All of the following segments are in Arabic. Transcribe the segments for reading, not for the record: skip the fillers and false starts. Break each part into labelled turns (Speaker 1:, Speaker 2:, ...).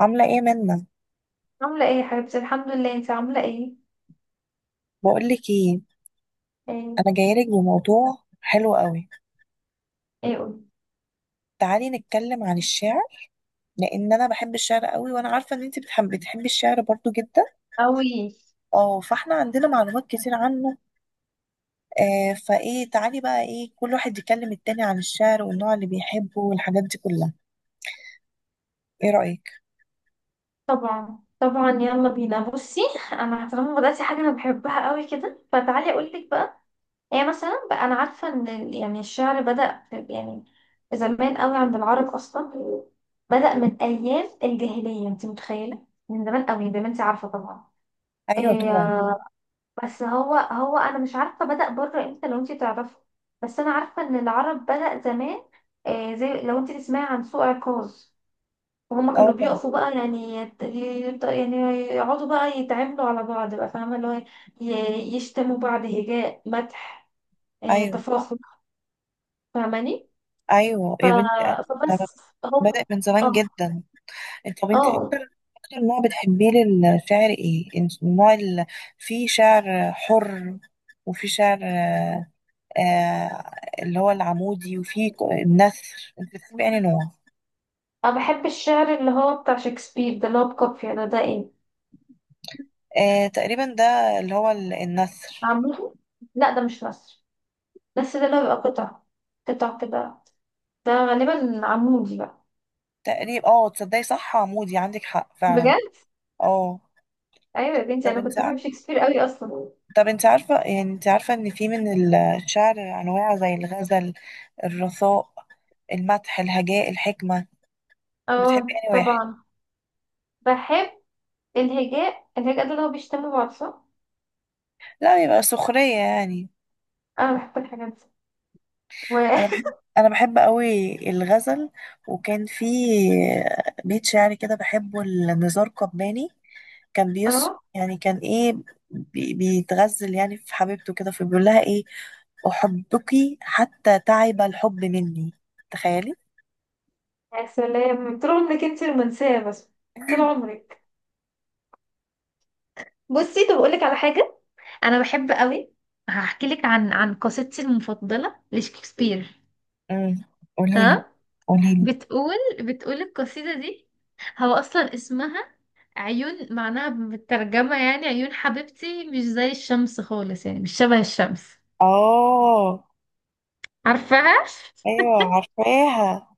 Speaker 1: عاملة ايه منا؟
Speaker 2: عاملة ايه يا حبيبتي، الحمد لله. انت عاملة ايه؟
Speaker 1: بقولك ايه.
Speaker 2: ايه.
Speaker 1: انا جايلك بموضوع حلو قوي.
Speaker 2: ايه، قولي.
Speaker 1: تعالي نتكلم عن الشعر، لان انا بحب الشعر قوي وانا عارفة ان انت بتحبي الشعر برضو جدا.
Speaker 2: أوي.
Speaker 1: اه، فاحنا عندنا معلومات كتير عنه. فايه، تعالي بقى، ايه، كل واحد يكلم التاني عن الشعر والنوع اللي بيحبه والحاجات دي كلها. ايه رأيك؟
Speaker 2: طبعا طبعا، يلا بينا، بصي. انا طالما بدأتي حاجة انا بحبها قوي كده، فتعالي اقول لك بقى. هي مثلا بقى انا عارفة ان الشعر بدأ في- يعني زمان قوي عند العرب اصلا. بدأ من ايام الجاهلية، انت متخيلة؟ من زمان قوي زي ما انت عارفة طبعا.
Speaker 1: ايوه
Speaker 2: إيه.
Speaker 1: طبعا.
Speaker 2: بس هو انا مش عارفه بدأ بره امتى، لو انت تعرفه. بس انا عارفه ان العرب بدأ زمان. آه، زي لو انت تسمعي عن سوق عكاظ. وهما
Speaker 1: اه
Speaker 2: كانوا
Speaker 1: طبعا.
Speaker 2: بيقفوا بقى، يعني يقعدوا بقى يتعاملوا على بعض بقى، فاهمه؟ اللي هو يشتموا بعض، هجاء، مدح. آه،
Speaker 1: ايوه.
Speaker 2: تفاخر، فاهماني؟
Speaker 1: ايوه
Speaker 2: ف...
Speaker 1: يا بنتي. ده
Speaker 2: فبس. هو.
Speaker 1: بدأ من
Speaker 2: اه.
Speaker 1: زمان جدا. طب انت،
Speaker 2: اه.
Speaker 1: اكتر نوع بتحبيه للشعر ايه؟ النوع اللي فيه شعر حر، وفي شعر آه، اللي هو العمودي، وفي النثر. انت بتحبي انهي نوع؟
Speaker 2: انا بحب الشعر اللي هو بتاع شكسبير ده، اللي هو بكافيه، ده ايه
Speaker 1: تقريبا ده اللي هو النثر.
Speaker 2: عامله. لا، ده مش مصري. بس ده اللي هو بيبقى قطع، قطع كده. ده غالبا عمودي بقى.
Speaker 1: تقريبا، اه، تصدقي صح، عمودي، عندك حق فعلا.
Speaker 2: بجد.
Speaker 1: اه.
Speaker 2: ايوه يا بنتي،
Speaker 1: طب
Speaker 2: انا
Speaker 1: انت
Speaker 2: كنت
Speaker 1: ع-
Speaker 2: بحب شكسبير قوي اصلا.
Speaker 1: طب انت عارفة، يعني انت عارفة ان في من الشعر انواع زي الغزل، الرثاء، المدح، الهجاء، الحكمة. بتحبي
Speaker 2: اه
Speaker 1: انهي واحد؟
Speaker 2: طبعا. بحب الهجاء. الهجاء ده اللي هو بيشتموا بعض، صح؟
Speaker 1: لا يبقى سخرية يعني.
Speaker 2: انا بحب الحاجات دي، و
Speaker 1: أنا بحب قوي الغزل. وكان في بيت شعري كده بحبه لنزار قباني.
Speaker 2: اه.
Speaker 1: كان إيه، بيتغزل يعني في حبيبته كده، فبيقول لها إيه: أحبك حتى تعب الحب مني. تخيلي!
Speaker 2: يا سلام، طول عمرك انت رومانسية بس. طول عمرك. بصي، طب اقول لك على حاجة. انا بحب قوي. هحكي لك عن قصيدتي المفضلة لشكسبير.
Speaker 1: امم. قوليلي.
Speaker 2: تمام.
Speaker 1: قوليلي.
Speaker 2: بتقول بتقول القصيدة دي، هو اصلا اسمها عيون، معناها بالترجمة يعني عيون حبيبتي مش زي الشمس خالص، يعني مش شبه الشمس.
Speaker 1: آه.
Speaker 2: عارفاها؟
Speaker 1: أيوة عارفاها.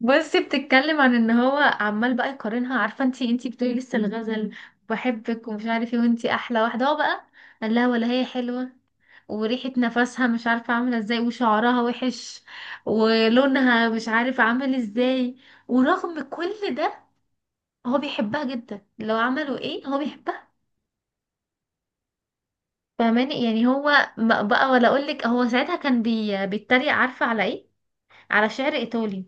Speaker 2: بصي، بتتكلم عن ان هو عمال بقى يقارنها. عارفة انتي بتقولي لسه الغزل، بحبك ومش عارف ايه وانتي احلى واحدة. هو بقى قال لها ولا هي حلوة، وريحة نفسها مش عارفة عاملة ازاي، وشعرها وحش، ولونها مش عارف عامل ازاي. ورغم كل ده، هو بيحبها جدا، لو عملوا ايه هو بيحبها. فاهماني؟ يعني هو بقى، ولا اقول لك، هو ساعتها كان بيتريق، عارفه على ايه؟ على شعر ايطالي.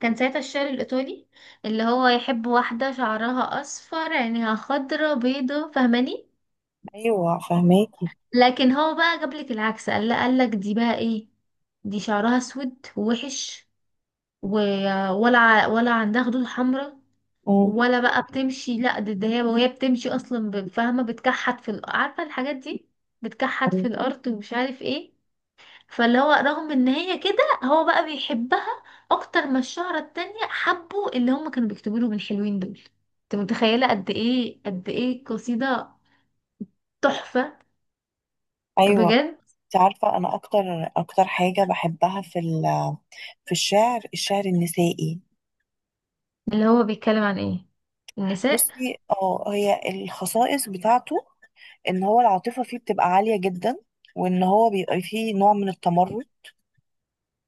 Speaker 2: كان ساعتها الشعر الايطالي اللي هو يحب واحده شعرها اصفر، عينيها خضرا، بيضه، فاهماني؟
Speaker 1: أيوة فهماكي.
Speaker 2: لكن هو بقى جاب لك العكس، قال لا، قال لك دي بقى ايه، دي شعرها اسود ووحش، ولا عندها خدود حمراء،
Speaker 1: امم.
Speaker 2: ولا بقى بتمشي. لا، ده هي وهي بتمشي اصلا، فاهمه، عارفه الحاجات دي، بتكحت في الارض ومش عارف ايه. فاللي هو رغم ان هي كده، هو بقى بيحبها اكتر ما الشهرة التانية حبوا اللي هم كانوا بيكتبوا له من الحلوين دول. انت متخيلة قد ايه، قد ايه قصيدة تحفة،
Speaker 1: أيوة.
Speaker 2: بجد؟
Speaker 1: انت عارفة أنا أكتر حاجة بحبها في الشعر النسائي.
Speaker 2: اللي هو بيتكلم عن ايه، النساء؟
Speaker 1: بصي، اه، هي الخصائص بتاعته إن هو العاطفة فيه بتبقى عالية جدا، وإن هو بيبقى فيه نوع من التمرد،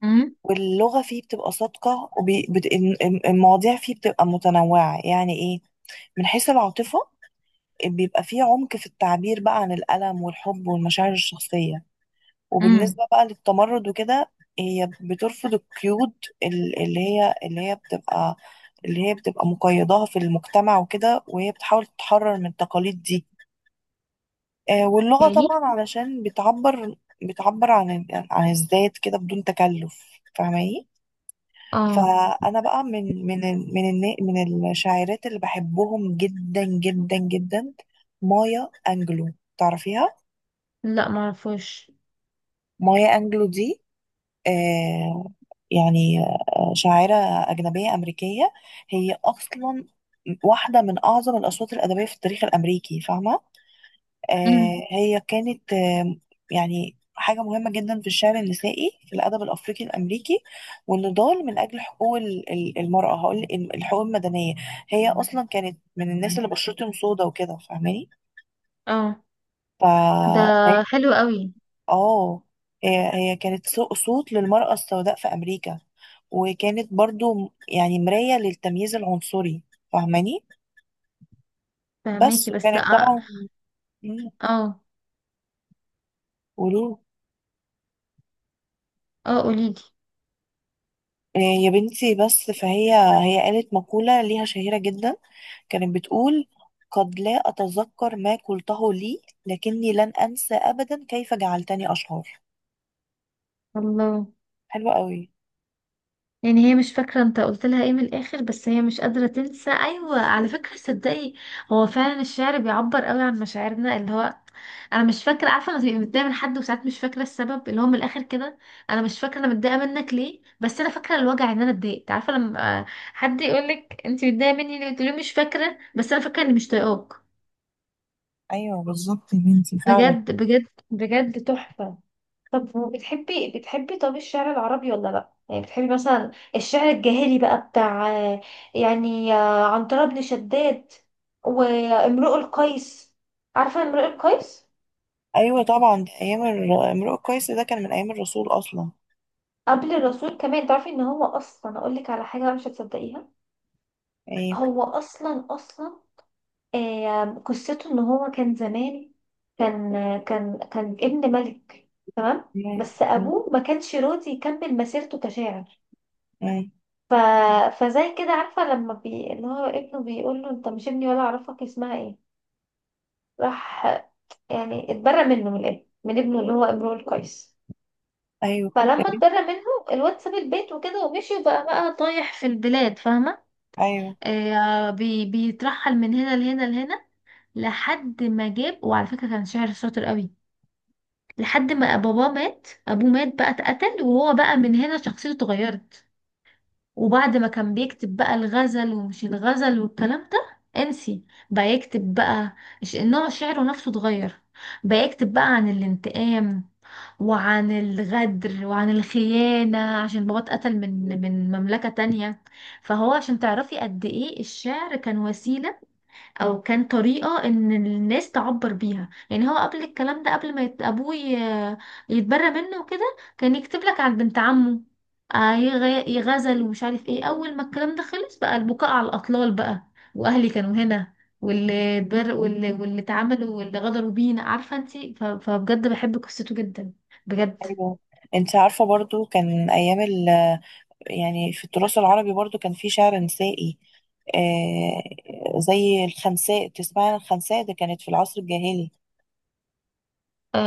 Speaker 2: امم.
Speaker 1: واللغة فيه بتبقى صادقة، والمواضيع فيه بتبقى متنوعة. يعني إيه؟ من حيث العاطفة، بيبقى فيه عمق في التعبير بقى عن الألم والحب والمشاعر الشخصية.
Speaker 2: امم.
Speaker 1: وبالنسبة بقى للتمرد وكده، هي بترفض القيود ال- اللي هي اللي هي بتبقى اللي هي بتبقى مقيداها في المجتمع وكده، وهي بتحاول تتحرر من التقاليد دي. واللغة
Speaker 2: ايه.
Speaker 1: طبعا علشان بتعبر عن الذات كده بدون تكلف. فاهماني؟
Speaker 2: اه.
Speaker 1: فأنا بقى من من ال- من النا- من الشاعرات اللي بحبهم جدا جدا جدا. مايا أنجلو، تعرفيها؟
Speaker 2: لا، معرفوش.
Speaker 1: مايا أنجلو دي، آه، يعني شاعرة أجنبية أمريكية. هي أصلا واحدة من أعظم الأصوات الأدبية في التاريخ الأمريكي، فاهمة.
Speaker 2: امم.
Speaker 1: هي كانت يعني حاجة مهمة جدا في الشعر النسائي، في الأدب الأفريقي الأمريكي، والنضال من أجل حقوق المرأة، هقول الحقوق المدنية. هي أصلا كانت من الناس اللي بشرتهم سودا وكده، فاهماني.
Speaker 2: اه.
Speaker 1: ف-
Speaker 2: ده حلو قوي.
Speaker 1: اه. هي كانت صوت للمرأة السوداء في أمريكا، وكانت برضو يعني مراية للتمييز العنصري. فاهماني؟ بس،
Speaker 2: فهماكي بس
Speaker 1: وكانت
Speaker 2: اه.
Speaker 1: طبعا مم،
Speaker 2: اه.
Speaker 1: قولوا.
Speaker 2: آه، قوليلي.
Speaker 1: يا بنتي، بس فهي قالت مقولة ليها شهيرة جدا. كانت بتقول: قد لا أتذكر ما قلته لي، لكني لن أنسى أبدا كيف جعلتني أشعر.
Speaker 2: الله.
Speaker 1: حلوة قوي.
Speaker 2: يعني هي مش فاكرة انت قلت لها ايه من الاخر، بس هي مش قادرة تنسى. ايوه، على فكرة صدقي، هو فعلا الشعر بيعبر قوي عن مشاعرنا. اللي هو انا مش فاكرة، عارفة لما تبقي متضايقة من حد وساعات مش فاكرة السبب، اللي هو من الاخر كده انا مش فاكرة انا متضايقة منك ليه، بس انا فاكرة الوجع، ان انا اتضايقت. عارفة لما حد يقولك انت متضايقة مني ليه، تقولي له مش فاكرة، بس انا فاكرة اني مش طايقاك.
Speaker 1: أيوة، بالظبط يا بنتي، فعلا.
Speaker 2: بجد بجد بجد تحفة. طب بتحبي الشعر العربي ولا لا؟ يعني بتحبي مثلا الشعر الجاهلي بقى بتاع عنترة بن شداد وامرؤ القيس. عارفة امرؤ القيس؟
Speaker 1: أيوة طبعا، ده أيام امرؤ القيس ده كان من أيام الرسول أصلا
Speaker 2: قبل الرسول كمان، تعرفي ان هو اصلا، اقول لك على حاجة مش هتصدقيها.
Speaker 1: يعني.
Speaker 2: هو اصلا قصته ان هو كان زمان، كان كان ابن ملك، تمام.
Speaker 1: مم.
Speaker 2: بس
Speaker 1: مم.
Speaker 2: ابوه ما كانش راضي يكمل مسيرته كشاعر.
Speaker 1: مم.
Speaker 2: ف... فزي كده، عارفة، لما اللي هو ابنه بيقول له انت مش ابني ولا اعرفك، اسمها ايه، راح يعني اتبرى منه، من الابن، من ابنه اللي هو امرؤ القيس.
Speaker 1: ايوه.
Speaker 2: فلما
Speaker 1: كمان-
Speaker 2: اتبرى منه، الواد ساب البيت وكده ومشي، وبقى طايح في البلاد، فاهمة؟
Speaker 1: ايوه،
Speaker 2: آه، بيترحل من هنا لهنا لهنا، لحد ما جاب، وعلى فكرة كان شاعر شاطر قوي، لحد ما باباه مات، ابوه مات بقى، اتقتل. وهو بقى من هنا شخصيته اتغيرت. وبعد ما كان بيكتب بقى الغزل ومش الغزل والكلام ده انسي، بقى يكتب بقى، نوع شعره نفسه اتغير، بقى يكتب بقى عن الانتقام، وعن الغدر، وعن الخيانة، عشان بابا اتقتل من مملكة تانية. فهو عشان تعرفي قد ايه الشعر كان وسيلة، او كان طريقة ان الناس تعبر بيها. يعني هو قبل الكلام ده، قبل ما ابوه يتبرى منه وكده، كان يكتب لك على بنت عمه، يغزل ومش عارف ايه. اول ما الكلام ده خلص، بقى البكاء على الاطلال بقى، واهلي كانوا هنا، واللي اتعاملوا واللي غدروا بينا، عارفة انتي؟ فبجد بحب قصته جدا، بجد.
Speaker 1: ايوه. انت عارفه برضو كان ايام يعني في التراث العربي برضو كان في شعر نسائي. آه، زي الخنساء، تسمعي عن الخنساء؟ ده كانت في العصر الجاهلي.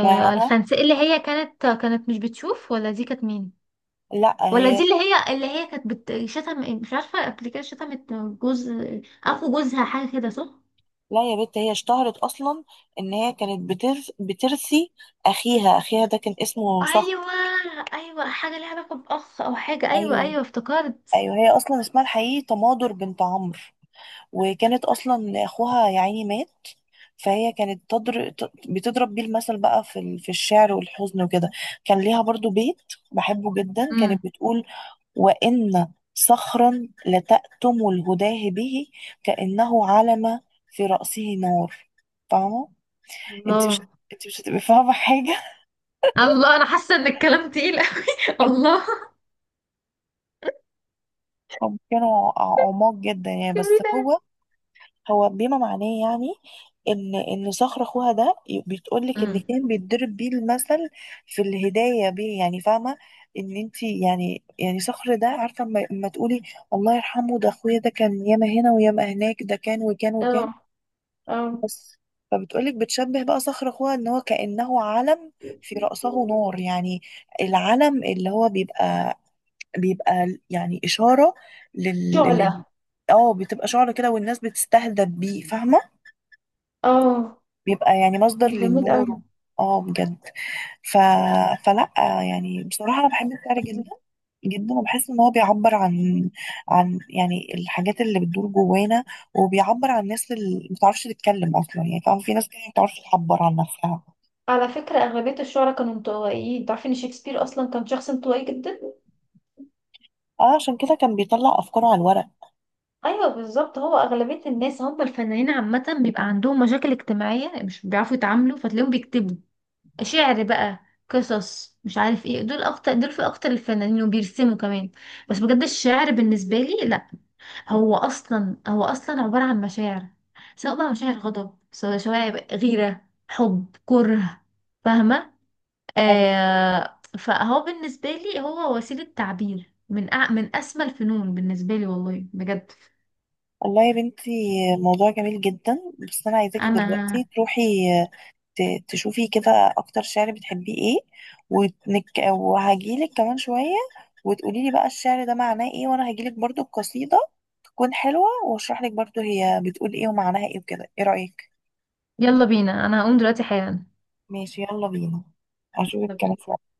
Speaker 1: تسمعي عنها.
Speaker 2: الخنساء، اللي هي كانت، مش بتشوف، ولا دي كانت مين؟
Speaker 1: لا،
Speaker 2: ولا
Speaker 1: هي.
Speaker 2: دي اللي هي كانت بتشتم، مش عارفه، قبل كده شتمت جوز، اخو جوزها، حاجه كده، صح؟
Speaker 1: لا يا بت، هي اشتهرت اصلا ان هي كانت بترثي اخيها. اخيها ده كان اسمه صخر.
Speaker 2: ايوه، ايوه حاجه ليها علاقه باخ او حاجه، ايوه
Speaker 1: ايوه.
Speaker 2: ايوه افتكرت.
Speaker 1: ايوه، هي اصلا اسمها الحقيقي تماضر بنت عمرو، وكانت اصلا اخوها يا عيني مات. فهي كانت بتضرب بيه المثل بقى في الشعر والحزن وكده. كان ليها برضو بيت بحبه جدا، كانت
Speaker 2: امم.
Speaker 1: بتقول: وإن صخرا لتأتم الهداه به، كأنه علم في رأسه نار. فاهمة؟ انت مش
Speaker 2: الله.
Speaker 1: انت مش هتبقي فاهمة حاجة.
Speaker 2: الله، انا حاسه ان الكلام تقيل قوي الله.
Speaker 1: هم كانوا عماق جدا يعني، بس
Speaker 2: جميل أوي.
Speaker 1: هو، هو بما معناه يعني ان صخر اخوها ده، بتقول لك ان كان
Speaker 2: امم.
Speaker 1: بيتضرب بيه المثل في الهدايه بيه يعني، فاهمه. ان انت، يعني صخر ده، عارفه اما تقولي: الله يرحمه، ده اخويا، ده كان ياما هنا وياما هناك، ده كان وكان
Speaker 2: اه.
Speaker 1: وكان.
Speaker 2: اه.
Speaker 1: بس، فبتقولك بتشبه بقى صخر اخوها ان هو كانه علم في راسه نار يعني. العلم اللي هو بيبقى يعني اشاره لل
Speaker 2: شعلة.
Speaker 1: لل- اه، بتبقى شعر كده والناس بتستهدف بيه، فاهمه.
Speaker 2: اه.
Speaker 1: بيبقى يعني مصدر
Speaker 2: جميل
Speaker 1: للنور،
Speaker 2: قوي.
Speaker 1: اه، بجد. ف... فلا، يعني بصراحة أنا بحب الشعر جدا جدا، وبحس إن هو بيعبر عن يعني الحاجات اللي بتدور جوانا، وبيعبر عن الناس اللي ما بتعرفش تتكلم أصلا. يعني فاهم، في ناس كده ما بتعرفش تعبر عن نفسها.
Speaker 2: على فكرة أغلبية الشعراء كانوا انطوائيين. تعرفي إن شكسبير أصلا كان شخص انطوائي جدا؟
Speaker 1: اه، عشان كده كان بيطلع أفكاره على الورق.
Speaker 2: ايوه بالظبط، هو اغلبيه الناس، هم الفنانين عامه بيبقى عندهم مشاكل اجتماعيه مش بيعرفوا يتعاملوا، فتلاقيهم بيكتبوا شعر بقى، قصص، مش عارف ايه، دول اكتر، دول في اكتر الفنانين، وبيرسموا كمان. بس بجد الشعر بالنسبه لي لا، هو اصلا عباره عن مشاعر، سواء بقى مشاعر غضب، سواء غيره، حب، كره، فاهمه؟
Speaker 1: أيوة.
Speaker 2: آه، فهو بالنسبه لي هو وسيله تعبير، من اسمى الفنون بالنسبه لي، والله بجد.
Speaker 1: والله يا بنتي، موضوع جميل جدا. بس أنا عايزاكي دلوقتي
Speaker 2: انا
Speaker 1: تروحي تشوفي كده اكتر شعر بتحبيه ايه، ونك... وهجيلك كمان شوية، وتقولي لي بقى الشعر ده معناه ايه، وانا هجيلك برضو القصيدة تكون حلوة، واشرح لك برضو هي بتقول ايه ومعناها ايه وكده. ايه رأيك؟
Speaker 2: يلا بينا، انا هقوم دلوقتي حالا.
Speaker 1: ماشي، يلا بينا، اشوفك كمان
Speaker 2: طب.
Speaker 1: شوية.